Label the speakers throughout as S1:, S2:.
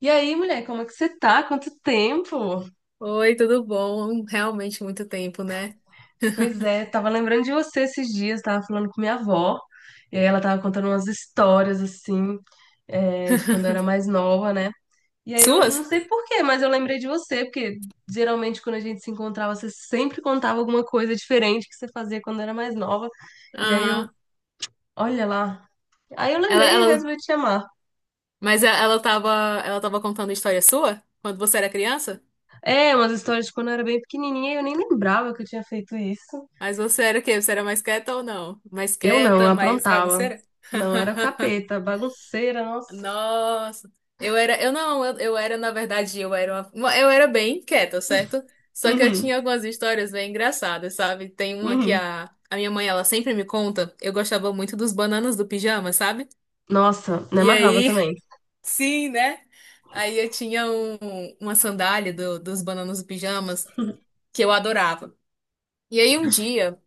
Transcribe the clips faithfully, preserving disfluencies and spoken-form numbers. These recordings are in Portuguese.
S1: E aí, mulher, como é que você tá? Quanto tempo?
S2: Oi, tudo bom? Realmente muito tempo, né?
S1: Pois é, tava lembrando de você esses dias, tava falando com minha avó, e aí ela tava contando umas histórias assim, é, de quando eu era mais nova, né? E aí eu não
S2: Suas?
S1: sei por quê, mas eu lembrei de você, porque geralmente quando a gente se encontrava, você sempre contava alguma coisa diferente que você fazia quando era mais nova. E aí eu,
S2: Aham.
S1: olha lá. Aí eu
S2: Ela,
S1: lembrei e
S2: ela,
S1: resolvi te chamar.
S2: mas e- ela tava, ela tava contando história sua quando você era criança?
S1: É, umas histórias de quando eu era bem pequenininha, e eu nem lembrava que eu tinha feito isso.
S2: Mas você era o quê? Você era mais quieta ou não? Mais
S1: Eu não, eu
S2: quieta, mais
S1: aprontava.
S2: bagunceira?
S1: Não, era capeta, bagunceira, nossa.
S2: Nossa, eu era, eu não, eu, eu era, na verdade, eu era uma- uma- eu era bem quieta, certo? Só que eu
S1: Uhum,
S2: tinha algumas histórias bem engraçadas, sabe? Tem uma que
S1: uhum.
S2: a, a minha mãe, ela sempre me conta, eu gostava muito dos bananas do pijama, sabe?
S1: Nossa, me
S2: E
S1: amarrava
S2: aí,
S1: também.
S2: sim, né? Aí eu tinha um- uma sandália do- dos Bananos e Pijamas que eu adorava. E aí um dia,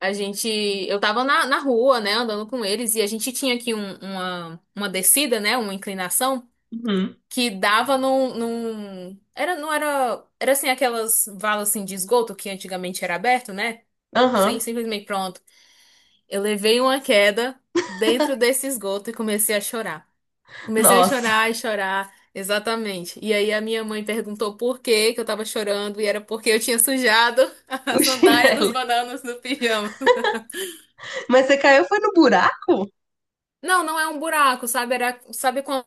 S2: a gente, eu tava na, na rua, né, andando com eles, e a gente tinha aqui um- uma, uma descida, né, uma inclinação,
S1: Uhum.
S2: que dava num, num- era, não era, era assim, aquelas valas assim, de esgoto que antigamente era aberto, né? Sem,
S1: Aham.
S2: Simplesmente pronto. Eu levei uma queda dentro desse esgoto e comecei a chorar. Comecei a
S1: Nossa,
S2: chorar e chorar, exatamente. E aí a minha mãe perguntou por que que eu tava chorando, e era porque eu tinha sujado a
S1: o
S2: sandália dos
S1: chinelo.
S2: bananos no pijama.
S1: Mas você caiu foi no buraco?
S2: Não, não é um buraco, sabe? Era, sabe quando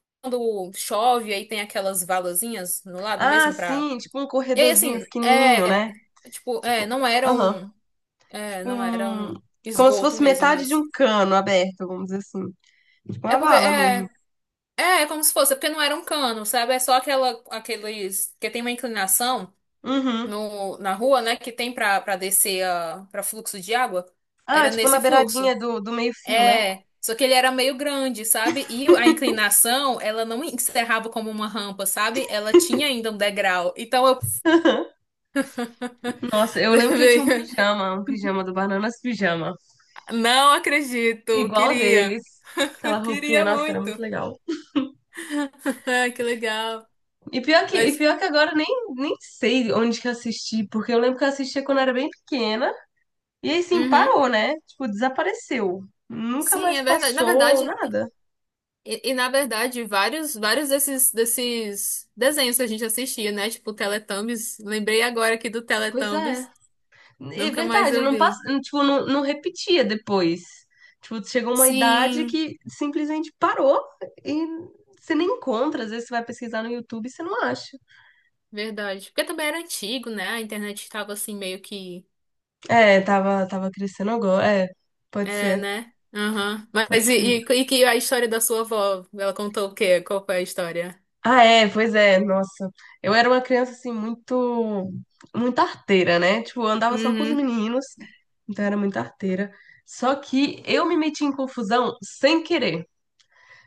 S2: chove, aí tem aquelas valazinhas no lado
S1: Ah,
S2: mesmo pra.
S1: sim, tipo um
S2: E aí,
S1: corredorzinho
S2: assim, é.
S1: pequenininho, né?
S2: Tipo, é,
S1: Tipo,
S2: não era
S1: aham.
S2: um. É,
S1: Tipo
S2: não era
S1: um...
S2: um
S1: Como se
S2: esgoto
S1: fosse
S2: mesmo,
S1: metade de
S2: mas.
S1: um cano aberto, vamos dizer assim. Tipo
S2: É
S1: uma
S2: porque,
S1: vala mesmo.
S2: é. É, é, como se fosse, é porque não era um cano, sabe? É só aquela, aqueles que tem uma inclinação
S1: Uhum.
S2: no, na rua, né, que tem pra, pra descer a, pra fluxo de água.
S1: Ah,
S2: Era
S1: tipo na
S2: nesse
S1: beiradinha
S2: fluxo.
S1: do, do meio-fio, né?
S2: É, só que ele era meio grande, sabe? E a inclinação, ela não encerrava como uma rampa, sabe? Ela tinha ainda um degrau. Então eu
S1: Nossa, eu lembro que eu tinha um
S2: levei.
S1: pijama, um pijama do Bananas Pijama.
S2: Não acredito,
S1: Igual
S2: queria.
S1: deles. Aquela roupinha,
S2: Queria
S1: nossa, era muito
S2: muito.
S1: legal.
S2: Que legal.
S1: E pior que, e
S2: Mas,
S1: pior que agora eu nem, nem sei onde que eu assisti, porque eu lembro que eu assistia quando eu era bem pequena. E aí, sim,
S2: uhum.
S1: parou, né? Tipo, desapareceu. Nunca
S2: Sim,
S1: mais
S2: é verdade. Na
S1: passou
S2: verdade,
S1: nada.
S2: E, e, na verdade, vários, vários desses, desses desenhos que a gente assistia, né? Tipo Teletubbies. Lembrei agora aqui do
S1: Pois é.
S2: Teletubbies.
S1: É
S2: Nunca mais
S1: verdade,
S2: eu
S1: não passa,
S2: vi.
S1: tipo, não, não repetia depois. Tipo, chegou uma idade
S2: Sim,
S1: que simplesmente parou e você nem encontra. Às vezes você vai pesquisar no YouTube e você não acha.
S2: verdade. Porque também era antigo, né? A internet estava assim meio que.
S1: É, tava, tava crescendo agora. É, pode
S2: É,
S1: ser,
S2: né? Aham.
S1: pode
S2: Mas e,
S1: ser.
S2: e, e que a história da sua avó? Ela contou o quê? Qual foi a história?
S1: Ah, é, pois é, nossa. Eu era uma criança, assim, muito, muito arteira, né? Tipo, eu andava só com os
S2: Uhum.
S1: meninos, então era muito arteira. Só que eu me meti em confusão sem querer.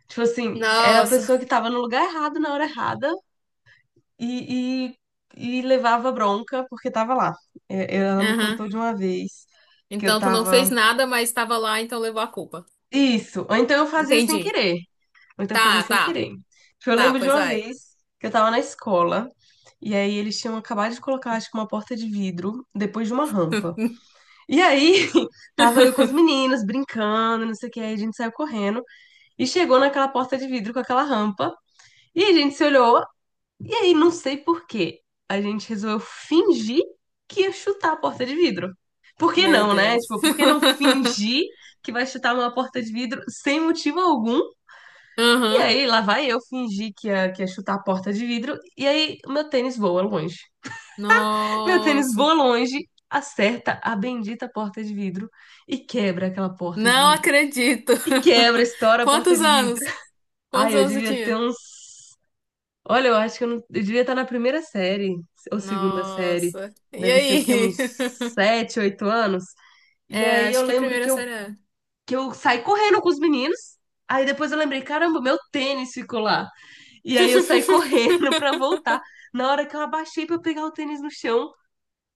S1: Tipo assim, era a
S2: Nossa.
S1: pessoa que tava no lugar errado na hora errada e, e, e levava bronca porque tava lá. É, ela me contou
S2: Aham.
S1: de uma vez que eu
S2: Então tu não
S1: tava.
S2: fez nada, mas estava lá, então levou a culpa.
S1: Isso, ou então eu fazia sem
S2: Entendi.
S1: querer. Ou então fazer
S2: Tá,
S1: sem
S2: tá.
S1: querer. Tipo, eu
S2: Tá,
S1: lembro de
S2: pois
S1: uma
S2: vai.
S1: vez que eu tava na escola, e aí eles tinham acabado de colocar, acho que uma porta de vidro depois de uma rampa. E aí tava eu com os meninos brincando, não sei o que, aí a gente saiu correndo e chegou naquela porta de vidro com aquela rampa, e a gente se olhou, e aí não sei por quê, a gente resolveu fingir que ia chutar a porta de vidro. Por que
S2: Meu
S1: não, né?
S2: Deus.
S1: Tipo, por que não fingir que vai chutar uma porta de vidro sem motivo algum? E
S2: Aham.
S1: aí, lá vai eu fingir que ia, que ia chutar a porta de vidro, e aí o meu tênis voa longe. Meu tênis
S2: Nossa.
S1: voa longe, acerta a bendita porta de vidro e quebra aquela porta de
S2: Não
S1: vidro.
S2: acredito.
S1: E quebra, estoura a porta
S2: Quantos
S1: de vidro.
S2: anos? Quantos
S1: Ai, eu
S2: anos eu
S1: devia ter
S2: tinha?
S1: uns. Olha, eu acho que eu, não... eu devia estar na primeira série, ou segunda série.
S2: Nossa. E
S1: Deve ser o quê? Uns
S2: aí?
S1: sete, oito anos. E
S2: É,
S1: aí eu
S2: acho que
S1: lembro que
S2: primeira
S1: eu,
S2: série, é.
S1: que eu saí correndo com os meninos. Aí depois eu lembrei, caramba, meu tênis ficou lá. E aí eu saí correndo pra voltar. Na hora que eu abaixei pra pegar o tênis no chão,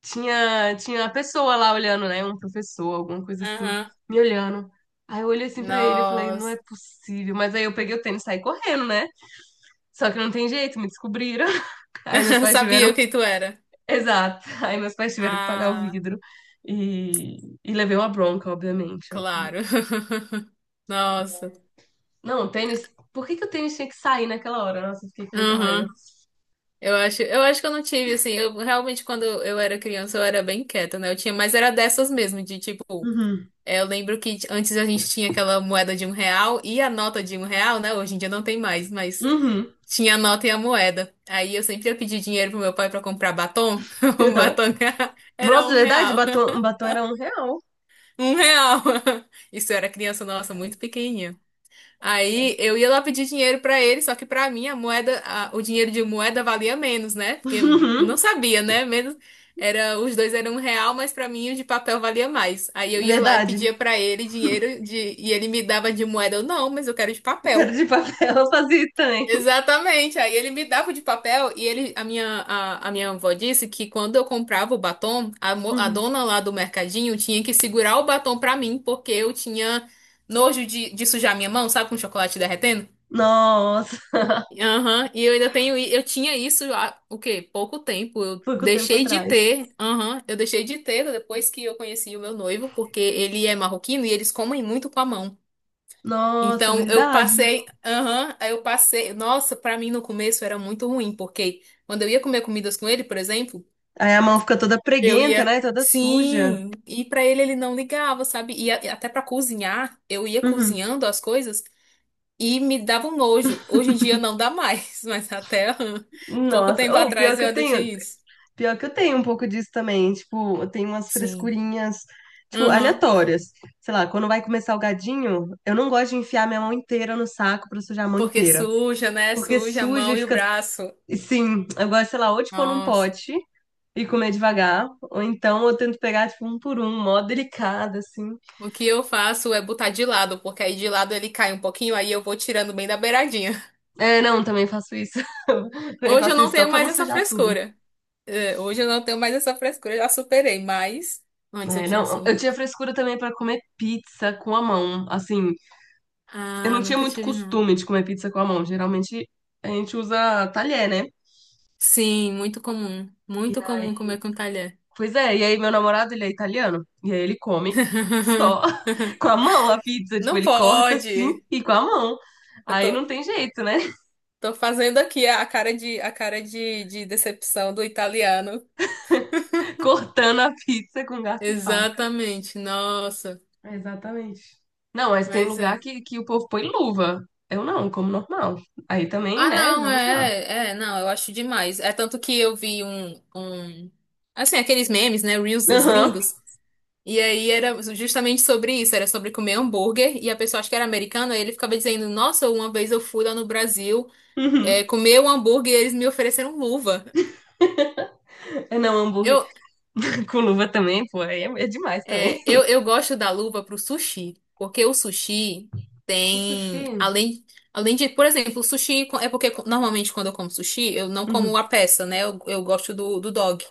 S1: tinha, tinha uma pessoa lá olhando, né? Um professor, alguma coisa assim,
S2: Aham.
S1: me olhando. Aí eu olhei assim pra ele, eu falei, não é
S2: Nossa.
S1: possível. Mas aí eu peguei o tênis e saí correndo, né? Só que não tem jeito, me descobriram. Aí meus pais tiveram.
S2: Sabia quem tu era.
S1: Exato. Aí meus pais tiveram que pagar o
S2: Ah,
S1: vidro. E, e levei uma bronca, obviamente,
S2: claro.
S1: obviamente.
S2: Nossa.
S1: Não, o tênis. Por que que o tênis tinha que sair naquela hora? Nossa, eu fiquei com muita raiva.
S2: Aham. Eu acho, eu acho que eu não tive, assim, eu realmente quando eu era criança eu era bem quieta, né? Eu tinha, mas era dessas mesmo, de tipo.
S1: Uhum.
S2: É, eu lembro que antes a gente tinha aquela moeda de um real e a nota de um real, né? Hoje em dia não tem mais, mas
S1: Uhum.
S2: tinha a nota e a moeda. Aí eu sempre ia pedir dinheiro pro meu pai pra comprar batom. O
S1: Aham.
S2: batom era
S1: Nossa, é
S2: um
S1: verdade,
S2: real.
S1: batom, batom era um real.
S2: Um real. Isso eu era criança,
S1: Um
S2: nossa,
S1: real.
S2: muito pequenininha. Aí
S1: Nossa.
S2: eu ia lá pedir dinheiro pra ele, só que pra mim a moeda, a- o dinheiro de moeda valia menos, né? Porque eu não
S1: Uhum.
S2: sabia, né? Menos era, os dois eram um real, mas pra mim o de papel valia mais. Aí eu ia lá e
S1: Verdade.
S2: pedia pra ele dinheiro de e ele me dava de moeda, eu não, mas eu quero de
S1: Quero
S2: papel.
S1: de papel eu fazia também.
S2: Exatamente. Aí ele me dava o de papel e ele, a minha, a, a minha avó disse que quando eu comprava o batom, a, mo- a
S1: Uhum.
S2: dona lá do mercadinho tinha que segurar o batom pra mim, porque eu tinha nojo de, de sujar minha mão, sabe, com chocolate derretendo?
S1: Nossa,
S2: Aham, e eu ainda tenho, i- eu tinha isso há, o quê? Pouco tempo. Eu
S1: foi com o tempo
S2: deixei de
S1: atrás.
S2: ter, aham, eu deixei de ter depois que eu conheci o meu noivo, porque ele é marroquino e eles comem muito com a mão.
S1: Nossa,
S2: Então eu
S1: verdade.
S2: passei, aham, aí eu passei, nossa, pra mim no começo era muito ruim, porque quando eu ia comer comidas com ele, por exemplo,
S1: Aí a mão fica toda
S2: eu
S1: preguenta,
S2: ia,
S1: né? Toda suja.
S2: sim, e pra ele ele não ligava, sabe? E a- até pra cozinhar, eu ia
S1: Uhum.
S2: cozinhando as coisas e me dava um nojo. Hoje em dia não dá mais, mas até hum, pouco
S1: Nossa,
S2: tempo
S1: ou pior
S2: atrás
S1: que
S2: eu
S1: eu
S2: ainda tinha
S1: tenho,
S2: isso.
S1: pior que eu tenho um pouco disso também. Tipo, eu tenho umas
S2: Sim.
S1: frescurinhas, tipo,
S2: Uhum.
S1: aleatórias. Sei lá, quando vai comer salgadinho, eu não gosto de enfiar minha mão inteira no saco pra sujar a mão
S2: Porque
S1: inteira.
S2: suja, né?
S1: Porque
S2: Suja a
S1: suja e
S2: mão e o
S1: fica
S2: braço.
S1: sim, eu gosto, sei lá, ou tipo num
S2: Nossa.
S1: pote e comer devagar, ou então eu tento pegar, tipo, um por um, mó delicado, assim.
S2: O que eu faço é botar de lado, porque aí de lado ele cai um pouquinho, aí eu vou tirando bem da beiradinha.
S1: É, não, também faço isso. Também
S2: Hoje eu
S1: faço
S2: não
S1: isso só
S2: tenho
S1: pra não
S2: mais essa
S1: sujar tudo.
S2: frescura. É, hoje eu não tenho mais essa frescura, eu já superei, mas antes eu
S1: É,
S2: tinha
S1: não,
S2: sim.
S1: eu tinha frescura também pra comer pizza com a mão. Assim, eu
S2: Ah,
S1: não tinha
S2: nunca
S1: muito
S2: tive, não.
S1: costume de comer pizza com a mão. Geralmente a gente usa talher, né?
S2: Sim, muito comum. Muito comum comer com talher.
S1: Pois é, e aí meu namorado, ele é italiano, e aí ele come só com a mão a pizza. Tipo,
S2: Não
S1: ele corta assim
S2: pode.
S1: e com a mão.
S2: Eu
S1: Aí
S2: tô,
S1: não tem jeito, né?
S2: tô fazendo aqui a cara de, a cara de, de decepção do italiano.
S1: Cortando a pizza com garfo e faca.
S2: Exatamente, nossa,
S1: Exatamente. Não, mas tem
S2: mas
S1: lugar
S2: é.
S1: que, que o povo põe luva. Eu não, como normal. Aí também,
S2: Ah,
S1: né?
S2: não,
S1: Vamos lá.
S2: é, é, não, eu acho demais. É tanto que eu vi um, um, assim, aqueles memes, né, Reels dos
S1: Aham.
S2: gringos, e aí era justamente sobre isso, era sobre comer hambúrguer, e a pessoa, acho que era americana, aí ele ficava dizendo, nossa, uma vez eu fui lá no Brasil, é,
S1: Uhum.
S2: comer um hambúrguer e eles me ofereceram luva.
S1: É, não, hambúrguer
S2: Eu,
S1: com luva também, pô. Aí é, é demais também.
S2: É, eu, eu gosto da luva pro sushi, porque o sushi
S1: Com sushi.
S2: tem, além, além de, por exemplo, o sushi co- é porque co- normalmente quando eu como sushi, eu não
S1: Uhum.
S2: como a peça, né? Eu, eu gosto do, do dog,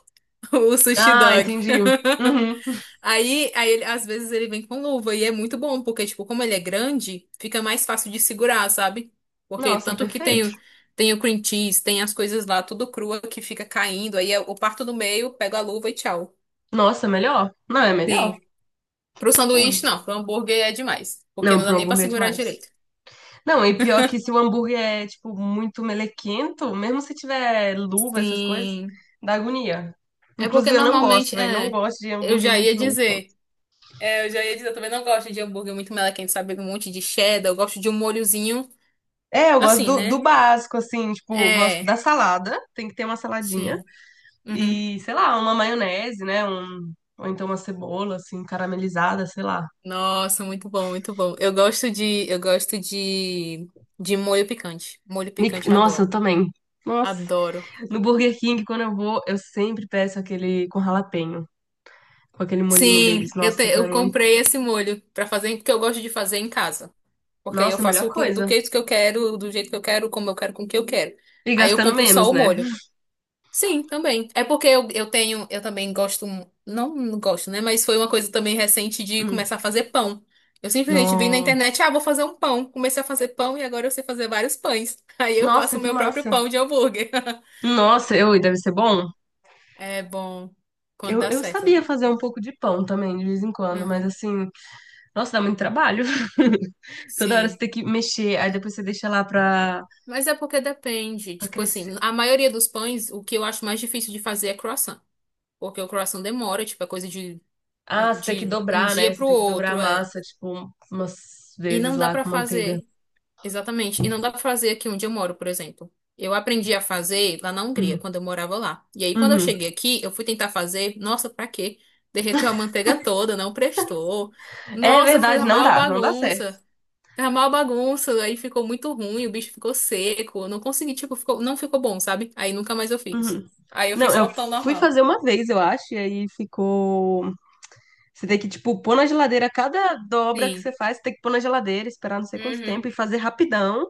S2: o sushi
S1: Ah,
S2: dog.
S1: entendi. Uhum.
S2: Aí, aí ele- às vezes ele vem com luva e é muito bom, porque, tipo, como ele é grande, fica mais fácil de segurar, sabe? Porque
S1: Nossa,
S2: tanto que tem,
S1: perfeito.
S2: o- tem o cream cheese, tem as coisas lá tudo crua que fica caindo, aí eu eu parto do meio, pego a luva e tchau.
S1: Nossa, melhor? Não, é melhor.
S2: Sim. Pro sanduíche,
S1: Hum.
S2: não. Pro hambúrguer é demais. Porque
S1: Não,
S2: não dá
S1: pro
S2: nem pra
S1: hambúrguer é
S2: segurar
S1: demais.
S2: direito.
S1: Não, e pior que se o hambúrguer é, tipo, muito melequento, mesmo se tiver luva, essas coisas,
S2: Sim.
S1: dá agonia.
S2: É porque
S1: Inclusive, eu não gosto,
S2: normalmente.
S1: velho. Não
S2: É,
S1: gosto de
S2: eu
S1: hambúrguer
S2: já
S1: muito
S2: ia
S1: melequento.
S2: dizer. É, eu já ia dizer, eu também não gosto de hambúrguer muito melequento, sabe? Um monte de cheddar. Eu gosto de um molhozinho.
S1: É, eu gosto
S2: Assim,
S1: do, do
S2: né?
S1: básico, assim, tipo, eu gosto
S2: É.
S1: da salada, tem que ter uma saladinha.
S2: Sim. Uhum.
S1: E, sei lá, uma maionese, né? Um, ou então uma cebola, assim, caramelizada, sei lá.
S2: Nossa, muito bom, muito bom. Eu gosto de. Eu gosto de. De molho picante. Molho
S1: Me-
S2: picante, eu
S1: nossa,
S2: adoro.
S1: eu também. Nossa.
S2: Adoro.
S1: No Burger King, quando eu vou, eu sempre peço aquele com jalapeño, com aquele molhinho deles.
S2: Sim, eu, te-
S1: Nossa, pra
S2: eu
S1: mim.
S2: comprei esse molho pra fazer, porque eu gosto de fazer em casa. Porque aí eu
S1: Nossa, a melhor
S2: faço com- do
S1: coisa.
S2: jeito que eu quero, do jeito que eu quero, como eu quero, com o que eu quero.
S1: E
S2: Aí eu
S1: gastando
S2: compro
S1: menos,
S2: só o
S1: né?
S2: molho. Sim, também. É porque eu, eu tenho, eu também gosto, não, não gosto, né? Mas foi uma coisa também recente de
S1: Hum.
S2: começar a fazer pão. Eu simplesmente vi na
S1: No-
S2: internet, ah, vou fazer um pão. Comecei a fazer pão e agora eu sei fazer vários pães. Aí eu faço
S1: nossa,
S2: o
S1: que
S2: meu próprio
S1: massa.
S2: pão de hambúrguer.
S1: Nossa, eu, e deve ser bom.
S2: É bom quando
S1: Eu,
S2: dá
S1: eu
S2: certo.
S1: sabia fazer um pouco de pão também, de vez em quando, mas
S2: Uhum.
S1: assim, nossa, dá muito trabalho. Toda hora você
S2: Sim.
S1: tem que mexer, aí depois você deixa lá pra,
S2: Mas é porque depende.
S1: pra
S2: Tipo assim,
S1: crescer.
S2: a maioria dos pães, o que eu acho mais difícil de fazer é croissant. Porque o croissant demora, tipo, é coisa de,
S1: Ah, você tem que
S2: de um
S1: dobrar, né?
S2: dia
S1: Você
S2: pro
S1: tem que dobrar a
S2: outro, é.
S1: massa, tipo, umas
S2: E
S1: vezes
S2: não dá
S1: lá
S2: pra
S1: com manteiga.
S2: fazer. Exatamente. E não dá pra fazer aqui onde eu moro, por exemplo. Eu aprendi a fazer lá na Hungria,
S1: Hum.
S2: quando eu morava lá. E aí, quando eu
S1: Uhum.
S2: cheguei aqui, eu fui tentar fazer. Nossa, pra quê? Derreteu a manteiga toda, não prestou.
S1: É
S2: Nossa, fez
S1: verdade,
S2: a
S1: não
S2: maior
S1: dá, não dá certo.
S2: bagunça. Fez a maior bagunça, aí ficou muito ruim, o bicho ficou seco. Eu não consegui, tipo, ficou, não ficou bom, sabe? Aí nunca mais eu fiz.
S1: Uhum.
S2: Aí eu fiz
S1: Não,
S2: só
S1: eu
S2: o pão
S1: fui
S2: normal.
S1: fazer uma vez, eu acho, e aí ficou. Você tem que, tipo, pôr na geladeira cada dobra que
S2: Sim.
S1: você faz, você tem que pôr na geladeira, esperar não sei quanto
S2: Uhum.
S1: tempo e fazer rapidão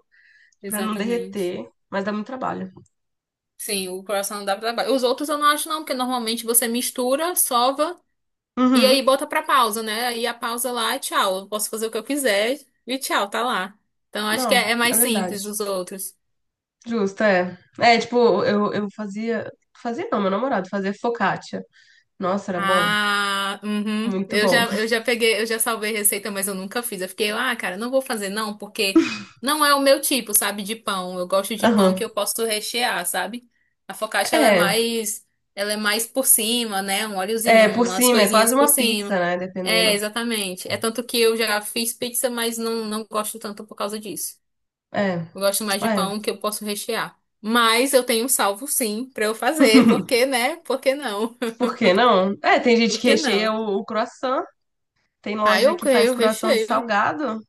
S1: pra não
S2: Exatamente.
S1: derreter, mas dá muito trabalho.
S2: Sim, o croissant dá pra trabalho. Os outros eu não acho não, porque normalmente você mistura, sova e aí
S1: Uhum.
S2: bota pra pausa, né? E a pausa lá é tchau. Eu posso fazer o que eu quiser e tchau, tá lá. Então acho que
S1: Não,
S2: é, é
S1: é
S2: mais
S1: verdade.
S2: simples os outros.
S1: Justo, é. É, tipo, eu, eu fazia. Fazia não, meu namorado fazia focaccia. Nossa, era bom.
S2: Ah, uhum.
S1: Muito
S2: Eu
S1: bom.
S2: já, eu já peguei, eu já salvei receita, mas eu nunca fiz. Eu fiquei, ah, cara, não vou fazer não, porque não é o meu tipo, sabe, de pão. Eu gosto de pão
S1: Aham.
S2: que eu posso rechear, sabe? A focaccia, ela é
S1: É,
S2: mais, ela é mais por cima, né? Um óleozinho,
S1: é, por
S2: umas
S1: cima, é
S2: coisinhas
S1: quase
S2: por
S1: uma
S2: cima.
S1: pizza, né? Dependendo.
S2: É, exatamente. É tanto que eu já fiz pizza, mas não, não gosto tanto por causa disso.
S1: É,
S2: Eu gosto mais de
S1: é.
S2: pão que eu posso rechear. Mas eu tenho um salvo sim pra eu fazer, porque, né? Por que não?
S1: Por que não? É, tem gente
S2: Por
S1: que
S2: que
S1: recheia
S2: não?
S1: o, o croissant. Tem
S2: Aí
S1: loja
S2: eu
S1: que faz
S2: creio, eu
S1: croissant
S2: recheio.
S1: salgado.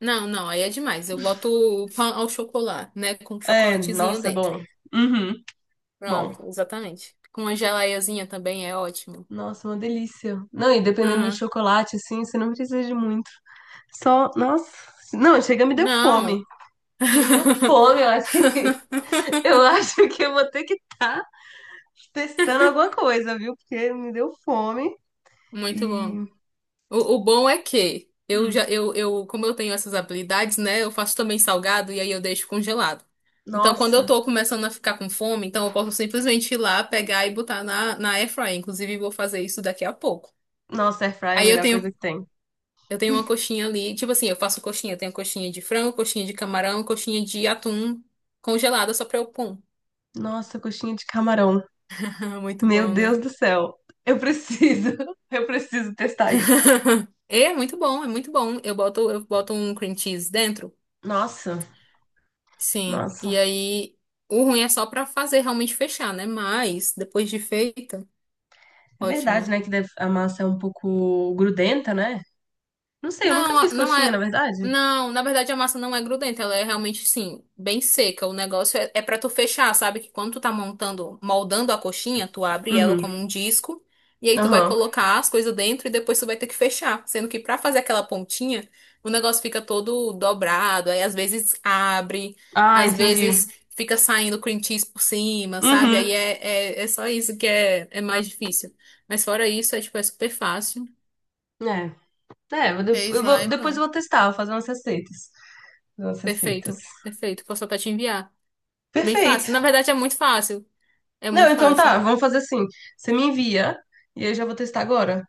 S2: Não, não, aí é demais. Eu boto o pão ao chocolate, né? Com
S1: É,
S2: chocolatezinho
S1: nossa, é
S2: dentro.
S1: bom. Uhum. Bom,
S2: Pronto, exatamente. Com uma gelaiazinha também é ótimo.
S1: nossa, uma delícia. Não, e dependendo do
S2: Aham.
S1: chocolate, assim, você não precisa de muito. Só, nossa. Não, chega, me deu fome.
S2: Não.
S1: Chega, me deu fome. Eu acho que, eu acho que eu vou ter que estar testando alguma coisa, viu? Porque me deu fome.
S2: Muito bom.
S1: E.
S2: O, o bom é que eu
S1: Hum,
S2: já, eu, eu, como eu tenho essas habilidades, né? Eu faço também salgado e aí eu deixo congelado. Então, quando eu
S1: nossa.
S2: tô começando a ficar com fome, então eu posso simplesmente ir lá, pegar e botar na, na airfryer. Inclusive, vou fazer isso daqui a pouco.
S1: Nossa, airfryer é a
S2: Aí eu
S1: melhor
S2: tenho
S1: coisa que tem.
S2: Eu tenho uma coxinha ali. Tipo assim, eu faço coxinha. Eu tenho coxinha de frango, coxinha de camarão, coxinha de atum congelada só pra eu pum.
S1: Nossa, coxinha de camarão.
S2: Muito
S1: Meu
S2: bom,
S1: Deus
S2: né?
S1: do céu. Eu preciso. Eu preciso testar isso.
S2: É muito bom, é muito bom. Eu boto, eu boto um cream cheese dentro.
S1: Nossa,
S2: Sim. E
S1: nossa.
S2: aí, o ruim é só pra fazer realmente fechar, né? Mas, depois de feita,
S1: É
S2: ótima.
S1: verdade, né? Que deve- a massa é um pouco grudenta, né? Não sei, eu nunca
S2: Não,
S1: fiz
S2: não
S1: coxinha, na
S2: é.
S1: verdade.
S2: Não, na verdade a massa não é grudenta, ela é realmente, sim, bem seca. O negócio é, é para tu fechar, sabe? Que quando tu tá montando, moldando a coxinha, tu abre ela
S1: Uhum.
S2: como um disco e aí tu vai
S1: Aham.
S2: colocar as coisas dentro e depois tu vai ter que fechar. Sendo que pra fazer aquela pontinha, o negócio fica todo dobrado, aí às vezes abre,
S1: Ah,
S2: às
S1: entendi.
S2: vezes fica saindo cream cheese por cima, sabe? Aí
S1: Uhum.
S2: é, é, é só isso que é, é mais difícil. Mas fora isso, é tipo, é super fácil.
S1: É. É, eu de-
S2: Fez
S1: eu
S2: lá
S1: vou-
S2: e
S1: depois eu
S2: pronto.
S1: vou testar, vou fazer umas receitas. Fazer umas receitas.
S2: Perfeito, perfeito. Posso até te enviar. Bem
S1: Perfeito.
S2: fácil. Na verdade, é muito fácil. É
S1: Não,
S2: muito
S1: então
S2: fácil.
S1: tá, vamos fazer assim. Você me envia e eu já vou testar agora.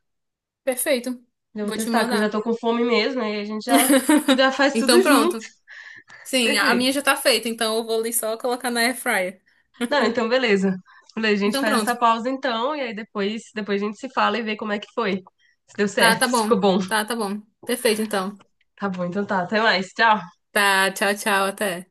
S2: Perfeito.
S1: Já vou
S2: Vou te
S1: testar, que eu já
S2: mandar.
S1: tô com fome mesmo, aí a gente já, já faz tudo
S2: Então,
S1: junto.
S2: pronto. Sim, a minha
S1: Perfeito.
S2: já tá feita, então eu vou ali só colocar na air fryer.
S1: Não, então beleza. Beleza, a gente
S2: Então,
S1: faz essa
S2: pronto.
S1: pausa então, e aí depois, depois a gente se fala e vê como é que foi. Se deu
S2: Tá,
S1: certo,
S2: tá
S1: se
S2: bom.
S1: ficou bom.
S2: Tá, tá bom. Perfeito, então.
S1: Tá bom, então tá. Até mais. Tchau.
S2: Tá, tchau, tchau, até.